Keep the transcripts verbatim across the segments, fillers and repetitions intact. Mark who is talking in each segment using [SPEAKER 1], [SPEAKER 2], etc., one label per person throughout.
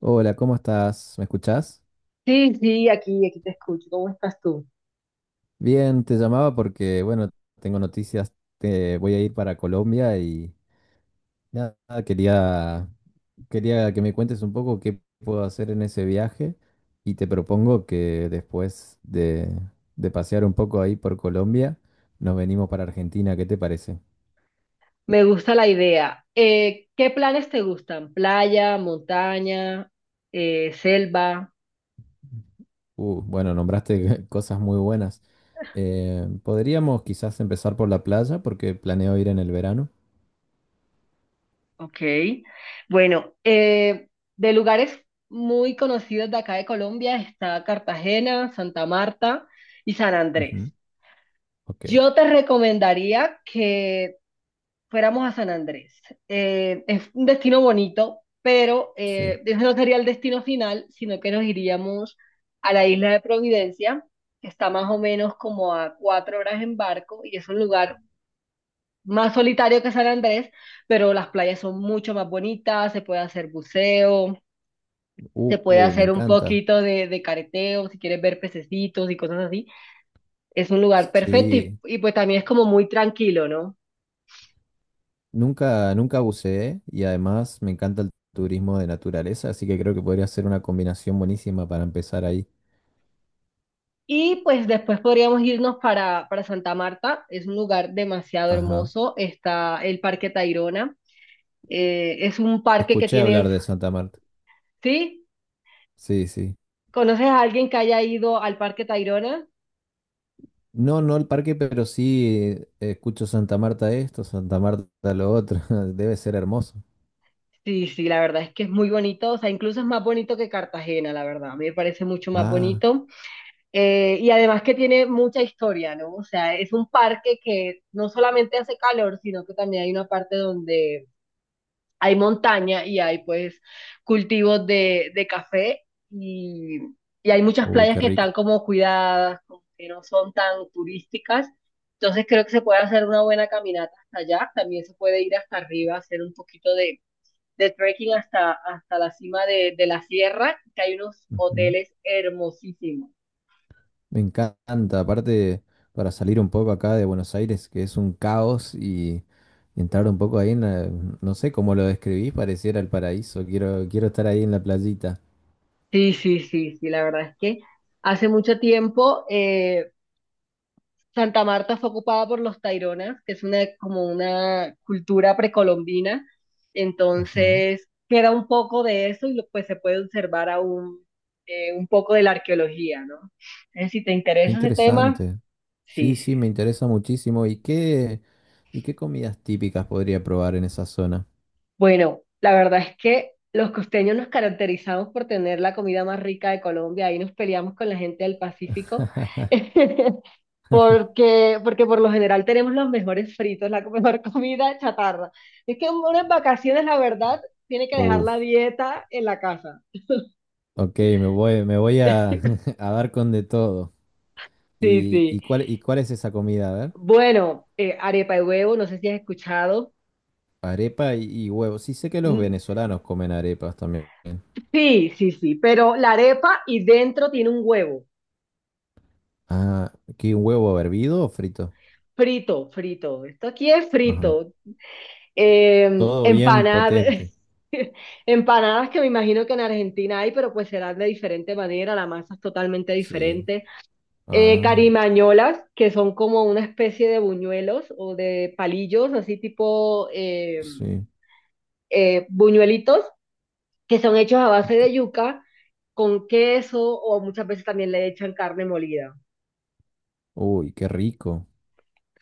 [SPEAKER 1] Hola, ¿cómo estás? ¿Me escuchás?
[SPEAKER 2] Sí, sí, aquí, aquí te escucho. ¿Cómo estás tú?
[SPEAKER 1] Bien, te llamaba porque, bueno, tengo noticias, te voy a ir para Colombia y nada, quería, quería que me cuentes un poco qué puedo hacer en ese viaje y te propongo que después de, de pasear un poco ahí por Colombia, nos venimos para Argentina, ¿qué te parece?
[SPEAKER 2] Me gusta la idea. Eh, ¿qué planes te gustan? ¿Playa, montaña, eh, selva?
[SPEAKER 1] Uh, bueno, nombraste cosas muy buenas. Eh, podríamos quizás empezar por la playa porque planeo ir en el verano.
[SPEAKER 2] Ok. Bueno, eh, de lugares muy conocidos de acá de Colombia está Cartagena, Santa Marta y San
[SPEAKER 1] Ujú.
[SPEAKER 2] Andrés.
[SPEAKER 1] Ok,
[SPEAKER 2] Yo te recomendaría que fuéramos a San Andrés. Eh, es un destino bonito, pero
[SPEAKER 1] sí.
[SPEAKER 2] eh, ese no sería el destino final, sino que nos iríamos a la isla de Providencia, que está más o menos como a cuatro horas en barco y es un lugar más solitario que San Andrés, pero las playas son mucho más bonitas, se puede hacer buceo, se puede
[SPEAKER 1] Uy, me
[SPEAKER 2] hacer un
[SPEAKER 1] encanta.
[SPEAKER 2] poquito de, de careteo, si quieres ver pececitos y cosas así. Es un lugar perfecto y,
[SPEAKER 1] Sí,
[SPEAKER 2] y pues también es como muy tranquilo, ¿no?
[SPEAKER 1] nunca, nunca buceé y además me encanta el turismo de naturaleza, así que creo que podría ser una combinación buenísima para empezar ahí.
[SPEAKER 2] Y pues después podríamos irnos para, para Santa Marta. Es un lugar demasiado
[SPEAKER 1] Ajá.
[SPEAKER 2] hermoso. Está el Parque Tayrona. Eh, es un parque que
[SPEAKER 1] Escuché
[SPEAKER 2] tiene,
[SPEAKER 1] hablar de Santa Marta.
[SPEAKER 2] ¿sí?
[SPEAKER 1] Sí, sí.
[SPEAKER 2] ¿Conoces a alguien que haya ido al Parque Tayrona?
[SPEAKER 1] No, no el parque, pero sí eh, escucho Santa Marta esto, Santa Marta lo otro. Debe ser hermoso.
[SPEAKER 2] Sí, sí, la verdad es que es muy bonito. O sea, incluso es más bonito que Cartagena, la verdad. A mí me parece mucho más
[SPEAKER 1] Ah,
[SPEAKER 2] bonito. Eh, y además que tiene mucha historia, ¿no? O sea, es un parque que no solamente hace calor, sino que también hay una parte donde hay montaña y hay pues cultivos de, de café y, y hay muchas
[SPEAKER 1] uy,
[SPEAKER 2] playas
[SPEAKER 1] qué
[SPEAKER 2] que están
[SPEAKER 1] rico.
[SPEAKER 2] como cuidadas, como que no son tan turísticas. Entonces creo que se puede hacer una buena caminata hasta allá. También se puede ir hasta arriba, hacer un poquito de, de trekking hasta, hasta la cima de, de la sierra, que hay unos hoteles hermosísimos.
[SPEAKER 1] Me encanta, aparte para salir un poco acá de Buenos Aires, que es un caos, y entrar un poco ahí en la- no sé cómo lo describís, pareciera el paraíso. Quiero, quiero estar ahí en la playita.
[SPEAKER 2] Sí, sí, sí, sí, la verdad es que hace mucho tiempo eh, Santa Marta fue ocupada por los Taironas, que es una, como una cultura precolombina.
[SPEAKER 1] Ajá.
[SPEAKER 2] Entonces, queda un poco de eso y lo- pues se puede observar aún eh, un poco de la arqueología, ¿no? Entonces, si te
[SPEAKER 1] Qué
[SPEAKER 2] interesa ese tema,
[SPEAKER 1] interesante. Sí,
[SPEAKER 2] sí,
[SPEAKER 1] sí,
[SPEAKER 2] sí.
[SPEAKER 1] me interesa muchísimo. ¿Y qué, y qué comidas típicas podría probar en esa zona?
[SPEAKER 2] Bueno, la verdad es que los costeños nos caracterizamos por tener la comida más rica de Colombia. Ahí nos peleamos con la gente del Pacífico. Porque, porque por lo general tenemos los mejores fritos, la mejor comida chatarra. Es que uno en vacaciones, la verdad, tiene que dejar
[SPEAKER 1] Uf,
[SPEAKER 2] la dieta en la casa.
[SPEAKER 1] ok, me voy, me voy a, a dar con de todo.
[SPEAKER 2] Sí,
[SPEAKER 1] ¿Y,
[SPEAKER 2] sí.
[SPEAKER 1] y cuál, y cuál es esa comida? A ver,
[SPEAKER 2] Bueno, eh, arepa de huevo, no sé si has escuchado.
[SPEAKER 1] arepa y, y huevos. Sí, sé que los
[SPEAKER 2] Mm,
[SPEAKER 1] venezolanos comen arepas también.
[SPEAKER 2] Sí, sí, sí, pero la arepa y dentro tiene un huevo.
[SPEAKER 1] Ah, ¿qué huevo hervido o frito?
[SPEAKER 2] Frito, frito. Esto aquí es
[SPEAKER 1] Ajá.
[SPEAKER 2] frito. Eh,
[SPEAKER 1] Todo bien
[SPEAKER 2] empanadas,
[SPEAKER 1] potente.
[SPEAKER 2] empanadas que me imagino que en Argentina hay, pero pues serán de diferente manera, la masa es totalmente
[SPEAKER 1] Sí.
[SPEAKER 2] diferente. Eh,
[SPEAKER 1] Ah,
[SPEAKER 2] carimañolas, que son como una especie de buñuelos o de palillos, así tipo eh,
[SPEAKER 1] sí.
[SPEAKER 2] eh, buñuelitos, que son hechos a base
[SPEAKER 1] Ok.
[SPEAKER 2] de yuca con queso o muchas veces también le echan carne molida.
[SPEAKER 1] Uy, qué rico.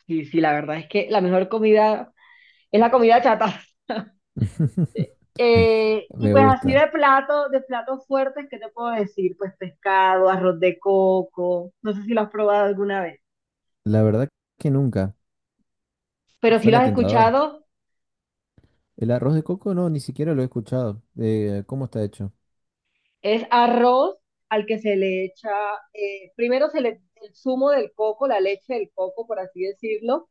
[SPEAKER 2] Sí, sí, la verdad es que la mejor comida es la comida chata. Eh, y
[SPEAKER 1] Me
[SPEAKER 2] pues así
[SPEAKER 1] gusta.
[SPEAKER 2] de plato, de platos fuertes, ¿qué te puedo decir? Pues pescado, arroz de coco, no sé si lo has probado alguna vez,
[SPEAKER 1] La verdad que nunca.
[SPEAKER 2] pero si lo
[SPEAKER 1] Suena
[SPEAKER 2] has
[SPEAKER 1] tentador.
[SPEAKER 2] escuchado,
[SPEAKER 1] El arroz de coco no, ni siquiera lo he escuchado. Eh, ¿cómo está hecho?
[SPEAKER 2] es arroz al que se le echa, eh, primero se le, el zumo del coco, la leche del coco, por así decirlo,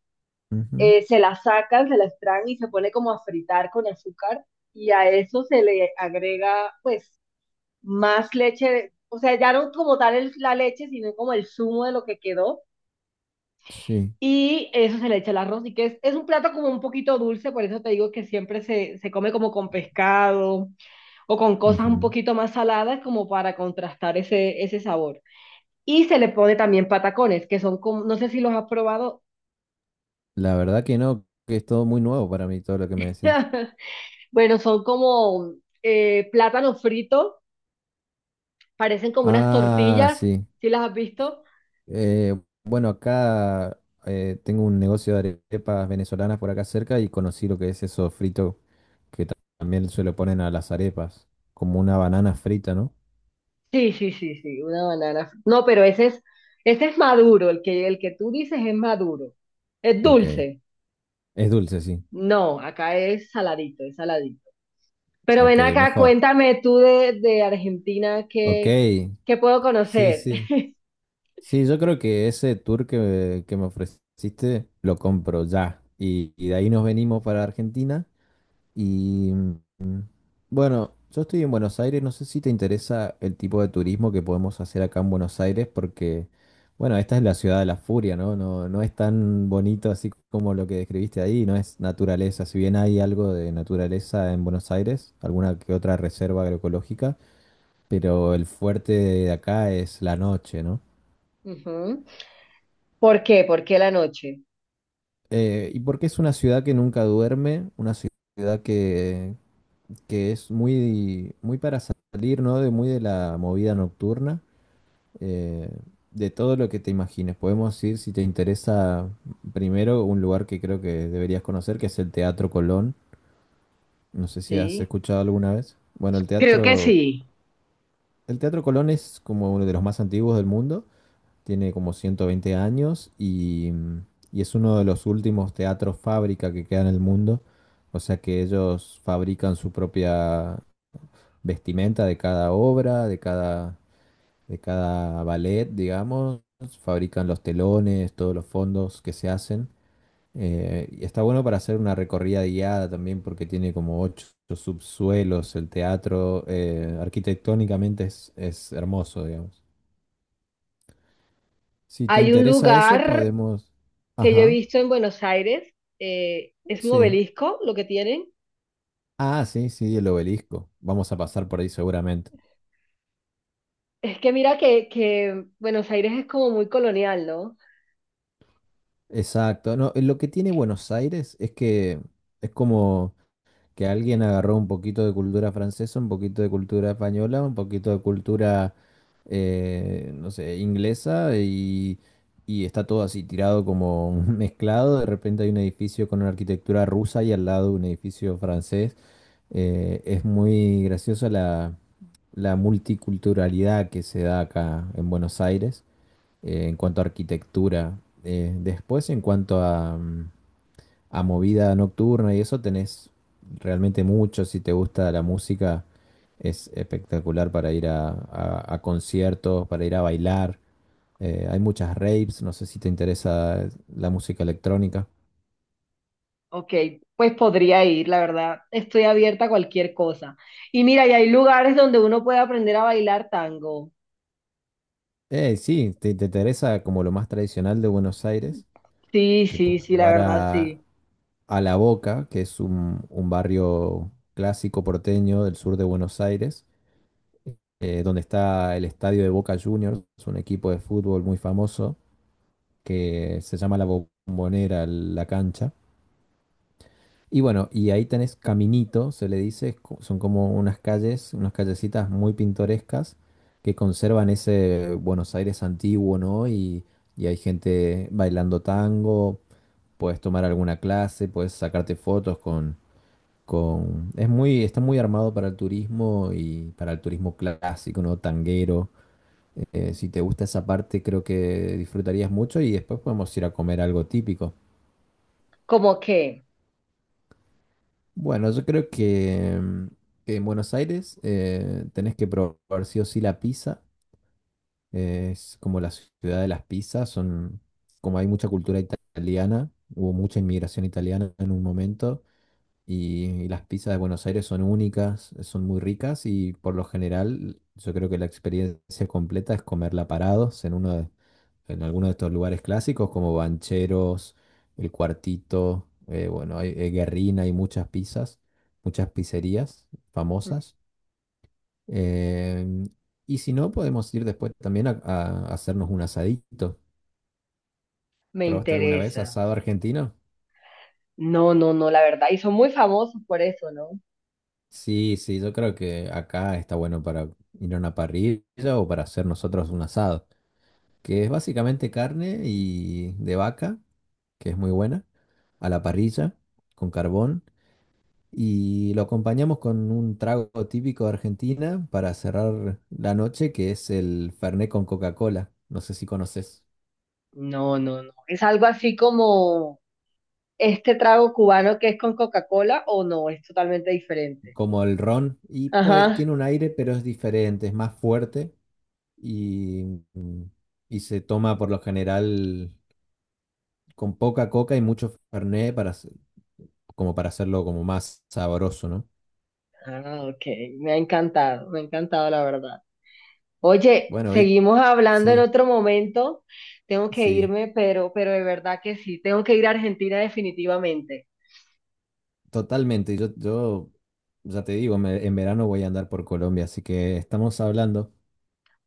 [SPEAKER 1] Ujú.
[SPEAKER 2] eh, se la sacan, se la extraen y se pone como a fritar con azúcar y a eso se le agrega pues más leche, o sea, ya no como tal el- la leche, sino como el zumo de lo que quedó
[SPEAKER 1] Sí.
[SPEAKER 2] y eso se le echa el arroz y que es, es un plato como un poquito dulce, por eso te digo que siempre se, se come como con pescado o con cosas un
[SPEAKER 1] Ujú.
[SPEAKER 2] poquito más saladas como para contrastar ese, ese sabor. Y se le pone también patacones, que son como, no sé si los has probado.
[SPEAKER 1] La verdad que no, que es todo muy nuevo para mí, todo lo que me decís.
[SPEAKER 2] Bueno, son como eh, plátano frito, parecen como unas
[SPEAKER 1] Ah,
[SPEAKER 2] tortillas,
[SPEAKER 1] sí.
[SPEAKER 2] ¿sí las has visto?
[SPEAKER 1] Eh, bueno, acá eh, tengo un negocio de arepas venezolanas por acá cerca y conocí lo que es eso frito que ta- también se lo ponen a las arepas, como una banana frita, ¿no?
[SPEAKER 2] Sí, sí, sí, sí, una banana. No, pero ese es, ese es maduro, el que, el que tú dices es maduro. ¿Es
[SPEAKER 1] Ok.
[SPEAKER 2] dulce?
[SPEAKER 1] Es dulce, sí.
[SPEAKER 2] No, acá es saladito, es saladito. Pero
[SPEAKER 1] Ok,
[SPEAKER 2] ven acá,
[SPEAKER 1] mejor.
[SPEAKER 2] cuéntame tú de, de Argentina,
[SPEAKER 1] Ok,
[SPEAKER 2] ¿qué, qué puedo
[SPEAKER 1] sí,
[SPEAKER 2] conocer?
[SPEAKER 1] sí. Sí, yo creo que ese tour que, que me ofreciste lo compro ya. Y, y de ahí nos venimos para Argentina. Bueno, yo estoy en Buenos Aires, no sé si te interesa el tipo de turismo que podemos hacer acá en Buenos Aires, porque, bueno, esta es la ciudad de la furia, ¿no? No, no es tan bonito así como lo que describiste ahí, no es naturaleza, si bien hay algo de naturaleza en Buenos Aires, alguna que otra reserva agroecológica, pero el fuerte de acá es la noche, ¿no?
[SPEAKER 2] Ujú. ¿Por qué? ¿Por qué la noche?
[SPEAKER 1] Eh, y porque es una ciudad que nunca duerme, una ciudad que, que es muy, muy para salir, ¿no? De muy de la movida nocturna. eh, de todo lo que te imagines. Podemos ir, si te interesa, primero un lugar que creo que deberías conocer, que es el Teatro Colón. No sé si has
[SPEAKER 2] Sí,
[SPEAKER 1] escuchado alguna vez. Bueno, el
[SPEAKER 2] creo que
[SPEAKER 1] Teatro,
[SPEAKER 2] sí.
[SPEAKER 1] el Teatro Colón es como uno de los más antiguos del mundo. Tiene como ciento veinte años y, y es uno de los últimos teatros fábrica que queda en el mundo. O sea que ellos fabrican su propia vestimenta de cada obra, de cada de cada ballet, digamos, fabrican los telones, todos los fondos que se hacen. Eh, y está bueno para hacer una recorrida guiada también porque tiene como ocho subsuelos el teatro. Eh, arquitectónicamente es, es hermoso, digamos. Si te
[SPEAKER 2] Hay un
[SPEAKER 1] interesa eso,
[SPEAKER 2] lugar
[SPEAKER 1] podemos...
[SPEAKER 2] que yo he
[SPEAKER 1] Ajá,
[SPEAKER 2] visto en Buenos Aires, eh, es un
[SPEAKER 1] sí.
[SPEAKER 2] obelisco lo que tienen.
[SPEAKER 1] Ah, sí, sí, el obelisco. Vamos a pasar por ahí seguramente.
[SPEAKER 2] Es que mira que, que Buenos Aires es como muy colonial, ¿no?
[SPEAKER 1] Exacto. No, lo que tiene Buenos Aires es que es como... que alguien agarró un poquito de cultura francesa, un poquito de cultura española, un poquito de cultura, eh, no sé, inglesa y, y está todo así tirado como mezclado. De repente hay un edificio con una arquitectura rusa y al lado un edificio francés. Eh, es muy graciosa la, la multiculturalidad que se da acá en Buenos Aires eh, en cuanto a arquitectura. Eh, después, en cuanto a, mm, a movida nocturna y eso tenés realmente mucho. Si te gusta la música, es espectacular para ir a, a- a conciertos, para ir a bailar. Eh, hay muchas raves, no sé si te interesa la música electrónica.
[SPEAKER 2] Ok, pues podría ir, la verdad. Estoy abierta a cualquier cosa. Y mira, y hay lugares donde uno puede aprender a bailar tango.
[SPEAKER 1] Eh, sí, te, te interesa como lo más tradicional de Buenos Aires.
[SPEAKER 2] Sí,
[SPEAKER 1] Te
[SPEAKER 2] sí,
[SPEAKER 1] puedo
[SPEAKER 2] sí, la
[SPEAKER 1] llevar
[SPEAKER 2] verdad,
[SPEAKER 1] a,
[SPEAKER 2] sí.
[SPEAKER 1] a La Boca, que es un, un barrio clásico porteño del sur de Buenos Aires, eh, donde está el estadio de Boca Juniors, un equipo de fútbol muy famoso. Que se llama la bombonera, la cancha. Y bueno, y ahí tenés Caminito, se le dice, es co- son como unas calles, unas callecitas muy pintorescas que conservan ese Buenos Aires antiguo, ¿no? Y, y hay gente bailando tango, puedes tomar alguna clase, puedes sacarte fotos con, con... Es muy, está muy armado para el turismo y para el turismo clásico, ¿no? Tanguero. Eh, si te gusta esa parte, creo que disfrutarías mucho y después podemos ir a comer algo típico.
[SPEAKER 2] ¿Cómo qué?
[SPEAKER 1] Bueno, yo creo que, mm, que en Buenos Aires eh, tenés que probar sí o sí la pizza. Eh, es como la ciudad de las pizzas. Son, como hay mucha cultura italiana, hubo mucha inmigración italiana en un momento. Y, y las pizzas de Buenos Aires son únicas, son muy ricas y por lo general yo creo que la experiencia completa es comerla parados en uno de, en alguno de estos lugares clásicos como Bancheros, El Cuartito, eh, bueno, hay, eh, Guerrina, hay muchas pizzas, muchas pizzerías famosas. Em, y si no, podemos ir después también a, a hacernos un asadito.
[SPEAKER 2] Me
[SPEAKER 1] ¿Probaste alguna vez
[SPEAKER 2] interesa.
[SPEAKER 1] asado argentino?
[SPEAKER 2] No, no, no, la verdad. Y son muy famosos por eso, ¿no?
[SPEAKER 1] Sí, sí, yo creo que acá está bueno para ir a una parrilla o para hacer nosotros un asado, que es básicamente carne y de vaca, que es muy buena, a la parrilla, con carbón, y lo acompañamos con un trago típico de Argentina para cerrar la noche, que es el Fernet con Coca-Cola. No sé si conoces,
[SPEAKER 2] No, no, no. Es algo así como este trago cubano que es con Coca-Cola o no, es totalmente diferente.
[SPEAKER 1] como el ron, y pues
[SPEAKER 2] Ajá.
[SPEAKER 1] tiene un aire, pero es diferente, es más fuerte y, y se toma por lo general. Con poca coca y mucho fernet para, hacer- como para hacerlo como más sabroso, ¿no?
[SPEAKER 2] Ah, ok. Me ha encantado, me ha encantado la verdad. Oye,
[SPEAKER 1] Bueno, y
[SPEAKER 2] seguimos hablando en
[SPEAKER 1] sí,
[SPEAKER 2] otro momento. Tengo que
[SPEAKER 1] sí,
[SPEAKER 2] irme, pero, pero de verdad que sí, tengo que ir a Argentina definitivamente.
[SPEAKER 1] totalmente. Yo, yo ya te digo, me- en verano voy a andar por Colombia, así que estamos hablando.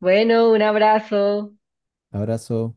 [SPEAKER 2] Bueno, un abrazo.
[SPEAKER 1] Abrazo.